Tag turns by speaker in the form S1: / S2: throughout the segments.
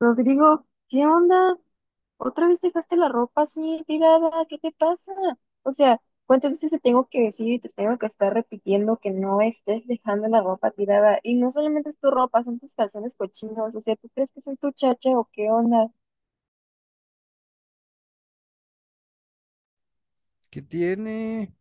S1: Rodrigo, ¿qué onda? ¿Otra vez dejaste la ropa así tirada? ¿Qué te pasa? O sea, ¿cuántas veces te tengo que decir y te tengo que estar repitiendo que no estés dejando la ropa tirada? Y no solamente es tu ropa, son tus calzones cochinos. O sea, ¿tú crees que soy tu chacha o qué onda?
S2: ¿Qué tiene?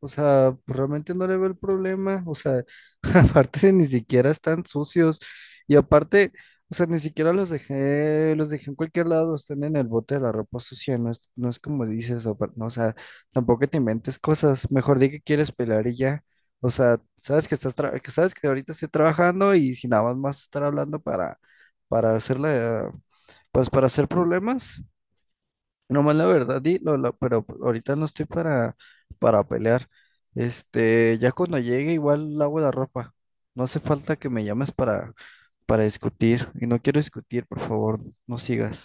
S2: O sea, pues, realmente no le veo el problema. O sea, aparte ni siquiera están sucios. Y aparte, o sea, ni siquiera los dejé en cualquier lado, están en el bote de la ropa sucia. No es como dices, no, o sea, tampoco te inventes cosas. Mejor di que quieres pelar y ya. O sea, que sabes que ahorita estoy trabajando y si nada más vas a estar hablando para hacerle, pues para hacer problemas. Nomás la verdad, pero pues, ahorita no estoy para pelear. Este, ya cuando llegue igual lavo la ropa. No hace falta que me llames para discutir. Y no quiero discutir, por favor, no sigas.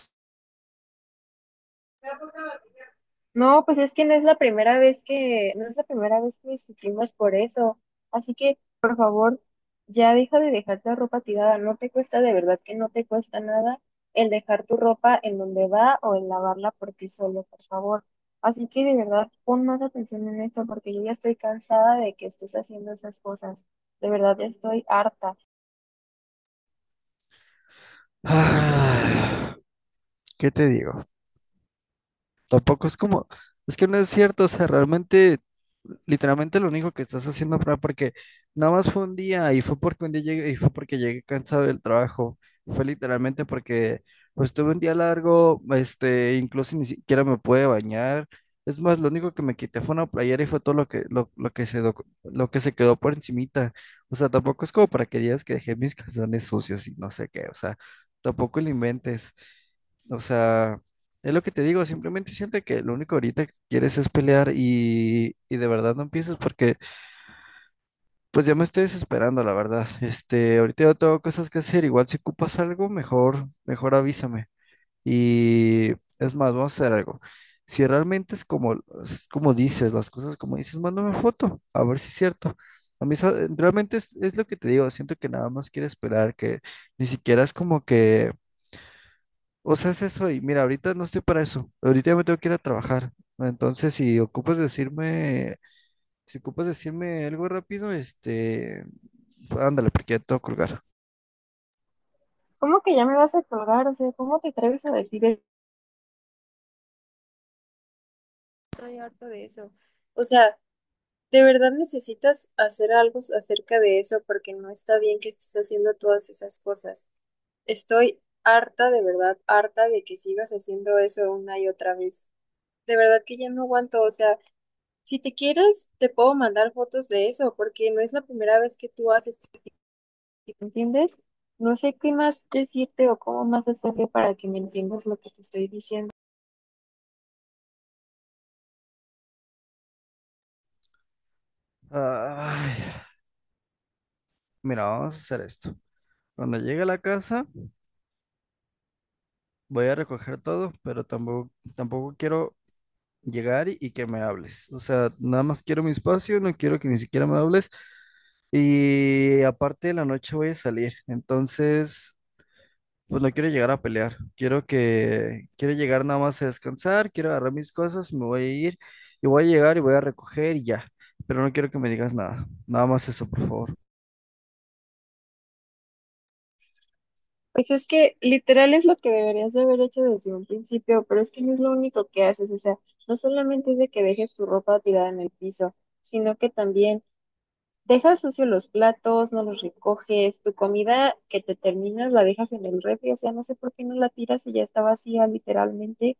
S1: No, pues es que no es la primera vez que, no es la primera vez que discutimos por eso. Así que, por favor, ya deja de dejar la ropa tirada. No te cuesta, de verdad que no te cuesta nada el dejar tu ropa en donde va o el lavarla por ti solo, por favor. Así que de verdad, pon más atención en esto porque yo ya estoy cansada de que estés haciendo esas cosas. De verdad, ya estoy harta.
S2: Ah, ¿qué te digo? Tampoco es como, es que no es cierto, o sea, realmente, literalmente lo único que estás haciendo fue porque nada más fue un día y fue porque un día llegué y fue porque llegué cansado del trabajo, fue literalmente porque pues tuve un día largo, este, incluso ni siquiera me pude bañar. Es más, lo único que me quité fue una playera y fue todo lo que lo que se quedó por encimita. O sea, tampoco es como para que digas que dejé mis calzones sucios y no sé qué, o sea, tampoco lo inventes. O sea, es lo que te digo, simplemente siento que lo único ahorita que quieres es pelear y de verdad no empieces porque pues ya me estoy desesperando, la verdad. Este, ahorita yo tengo cosas que hacer, igual si ocupas algo, mejor avísame. Y es más, vamos a hacer algo. Si realmente es como dices, las cosas como dices, mándame foto, a ver si es cierto. Realmente es lo que te digo, siento que nada más quieres esperar, que ni siquiera es como que o sea, es eso. Y mira, ahorita no estoy para eso. Ahorita ya me tengo que ir a trabajar. Entonces, si ocupas decirme algo rápido, este, ándale, porque ya tengo que colgar.
S1: ¿Cómo que ya me vas a colgar? O sea, ¿cómo te atreves a decir eso? Estoy harta de eso. O sea, de verdad necesitas hacer algo acerca de eso porque no está bien que estés haciendo todas esas cosas. Estoy harta, de verdad, harta de que sigas haciendo eso una y otra vez. De verdad que ya no aguanto. O sea, si te quieres, te puedo mandar fotos de eso porque no es la primera vez que tú haces. ¿Entiendes? No sé qué más decirte o cómo más hacerle para que me entiendas lo que te estoy diciendo.
S2: Ay, mira, vamos a hacer esto. Cuando llegue a la casa, voy a recoger todo, pero tampoco quiero llegar y que me hables. O sea, nada más quiero mi espacio, no quiero que ni siquiera me hables. Y aparte de la noche voy a salir. Entonces, pues no quiero llegar a pelear. Quiero llegar nada más a descansar, quiero agarrar mis cosas, me voy a ir y voy a llegar y voy a recoger y ya. Pero no quiero que me digas nada. Nada más eso, por favor.
S1: Pues es que literal es lo que deberías de haber hecho desde un principio, pero es que no es lo único que haces, o sea, no solamente es de que dejes tu ropa tirada en el piso, sino que también dejas sucios los platos, no los recoges, tu comida que te terminas la dejas en el refri, o sea, no sé por qué no la tiras y ya está vacía literalmente.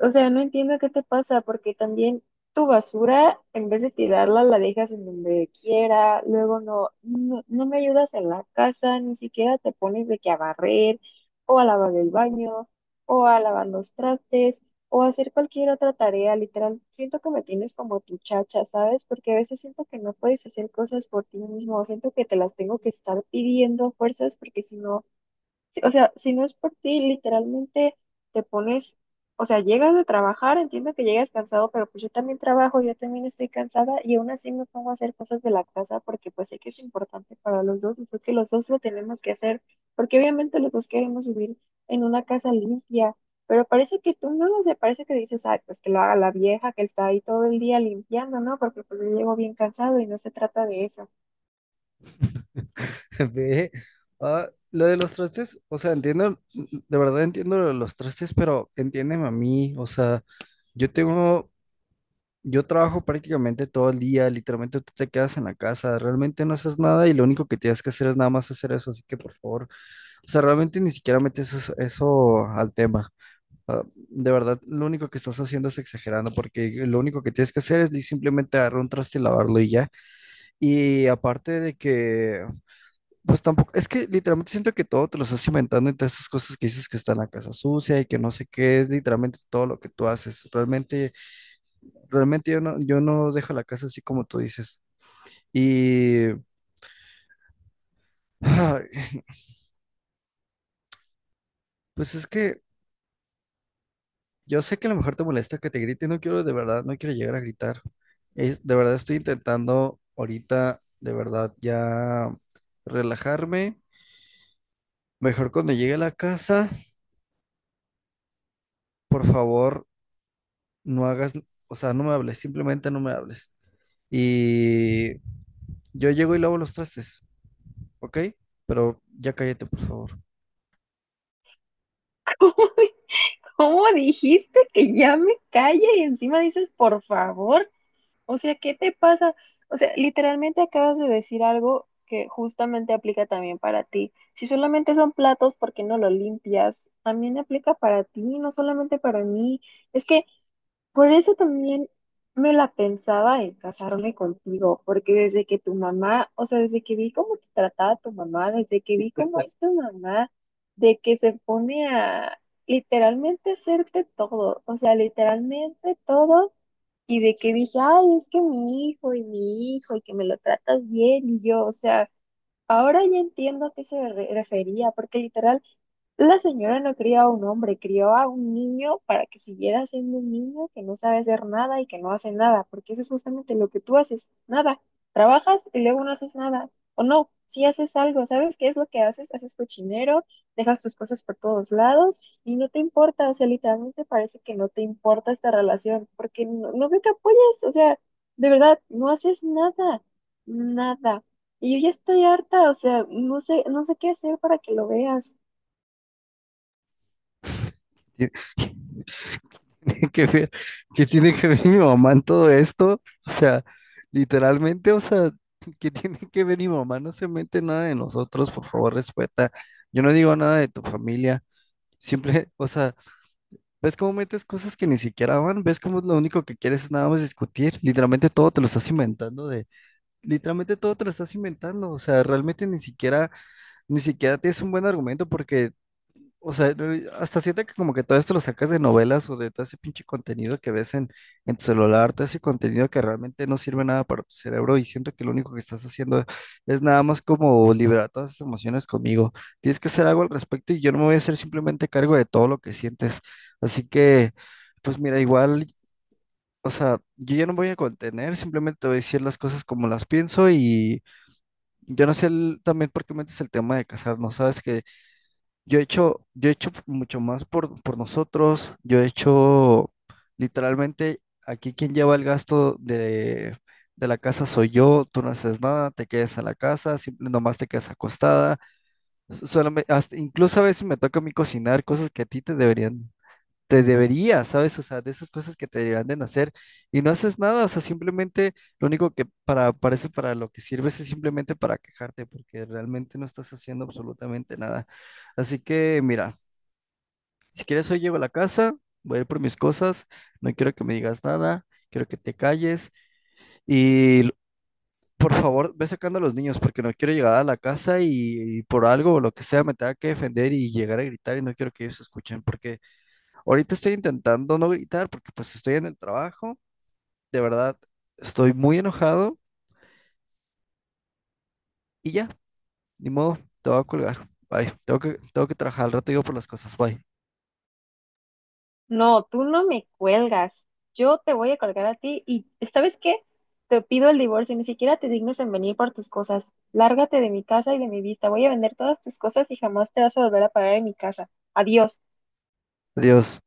S1: O sea, no entiendo qué te pasa, porque también tu basura, en vez de tirarla, la dejas en donde quiera, luego no me ayudas en la casa, ni siquiera te pones de que a barrer, o a lavar el baño, o a lavar los trastes, o a hacer cualquier otra tarea, literal. Siento que me tienes como tu chacha, ¿sabes? Porque a veces siento que no puedes hacer cosas por ti mismo, siento que te las tengo que estar pidiendo a fuerzas, porque si no. Sí, o sea, si no es por ti, literalmente te pones, o sea, llegas de trabajar, entiendo que llegas cansado, pero pues yo también trabajo, yo también estoy cansada y aún así me pongo a hacer cosas de la casa porque pues sé que es importante para los dos y sé que los dos lo tenemos que hacer porque obviamente los dos queremos vivir en una casa limpia, pero parece que tú no lo sé, parece que dices, ay, pues que lo haga la vieja que está ahí todo el día limpiando, ¿no? Porque pues yo llego bien cansado y no se trata de eso.
S2: Ve, ah, lo de los trastes, o sea, entiendo, de verdad entiendo lo de los trastes, pero entiéndeme a mí, o sea, yo tengo, yo trabajo prácticamente todo el día, literalmente tú te quedas en la casa, realmente no haces nada y lo único que tienes que hacer es nada más hacer eso, así que por favor, o sea, realmente ni siquiera metes eso al tema. Ah, de verdad, lo único que estás haciendo es exagerando, porque lo único que tienes que hacer simplemente agarrar un traste y lavarlo y ya. Y aparte de que, pues tampoco, es que literalmente siento que todo te lo estás inventando en todas esas cosas que dices que está en la casa sucia y que no sé qué, es literalmente todo lo que tú haces. Realmente yo no dejo la casa así como tú dices. Y pues es que yo sé que a lo mejor te molesta que te grite, no quiero de verdad, no quiero llegar a gritar. Es, de verdad estoy intentando ahorita, de verdad, ya relajarme. Mejor cuando llegue a la casa, por favor, no hagas, o sea, no me hables, simplemente no me hables. Y yo llego y lavo los trastes, ¿ok? Pero ya cállate, por favor.
S1: ¿Cómo dijiste que ya me calle y encima dices por favor? O sea, ¿qué te pasa? O sea, literalmente acabas de decir algo que justamente aplica también para ti. Si solamente son platos, ¿porque no lo limpias? También aplica para ti, no solamente para mí. Es que por eso también me la pensaba en casarme contigo, porque desde que tu mamá, o sea, desde que vi cómo te trataba tu mamá, desde que vi cómo es tu mamá, de que se pone a literalmente hacerte todo, o sea, literalmente todo, y de que dije, ay, es que mi hijo, y que me lo tratas bien, y yo, o sea. Ahora ya entiendo a qué refería, porque literal, la señora no crió a un hombre, crió a un niño para que siguiera siendo un niño que no sabe hacer nada y que no hace nada, porque eso es justamente lo que tú haces, nada. Trabajas y luego no haces nada, o no, si haces algo, ¿sabes qué es lo que haces? Haces cochinero, dejas tus cosas por todos lados y no te importa, o sea, literalmente parece que no te importa esta relación, porque no, no veo que apoyes, o sea, de verdad, no haces nada, nada. Y yo ya estoy harta, o sea, no sé, no sé qué hacer para que lo veas.
S2: tiene que ver, ¿qué tiene que ver mi mamá en todo esto? O sea, literalmente, o sea, ¿qué tiene que ver mi mamá? No se mete en nada de nosotros, por favor, respeta. Yo no digo nada de tu familia. Siempre, o sea, ¿ves cómo metes cosas que ni siquiera van? ¿Ves cómo lo único que quieres es nada más discutir? Literalmente todo te lo estás inventando de, literalmente todo te lo estás inventando, o sea, realmente ni siquiera tienes un buen argumento porque o sea, no, hasta siento que como que todo esto lo sacas de novelas o de todo ese pinche contenido que ves en tu celular, todo ese contenido que realmente no sirve nada para tu cerebro y siento que lo único que estás haciendo es nada más como liberar todas esas emociones conmigo. Tienes que hacer algo al respecto y yo no me voy a hacer simplemente cargo de todo lo que sientes. Así que, pues mira, igual, o sea, yo ya no me voy a contener, simplemente te voy a decir las cosas como las pienso y yo no sé el- también por qué metes el tema de casarnos, ¿sabes? Yo he hecho mucho más por nosotros. Yo he hecho literalmente aquí quien lleva el gasto de la casa soy yo. Tú no haces nada, te quedas en la casa, simple, nomás te quedas acostada. Solamente, incluso a veces me toca a mí cocinar cosas que a ti te deberían te debería, ¿sabes? O sea, de esas cosas que te deberían de nacer y no haces nada, o sea, simplemente lo único parece para lo que sirves es simplemente para quejarte, porque realmente no estás haciendo absolutamente nada. Así que, mira, si quieres hoy llego a la casa, voy a ir por mis cosas, no quiero que me digas nada, quiero que te calles y l- por favor, ve sacando a los niños porque no quiero llegar a la casa y por algo o lo que sea me tenga que defender y llegar a gritar y no quiero que ellos escuchen porque ahorita estoy intentando no gritar porque pues estoy en el trabajo. De verdad, estoy muy enojado y ya, ni modo, te voy a colgar. Bye. Tengo que trabajar al rato digo por las cosas. Bye.
S1: No, tú no me cuelgas. Yo te voy a colgar a ti y ¿sabes qué? Te pido el divorcio, ni siquiera te dignes en venir por tus cosas. Lárgate de mi casa y de mi vista. Voy a vender todas tus cosas y jamás te vas a volver a parar en mi casa. Adiós.
S2: Adiós.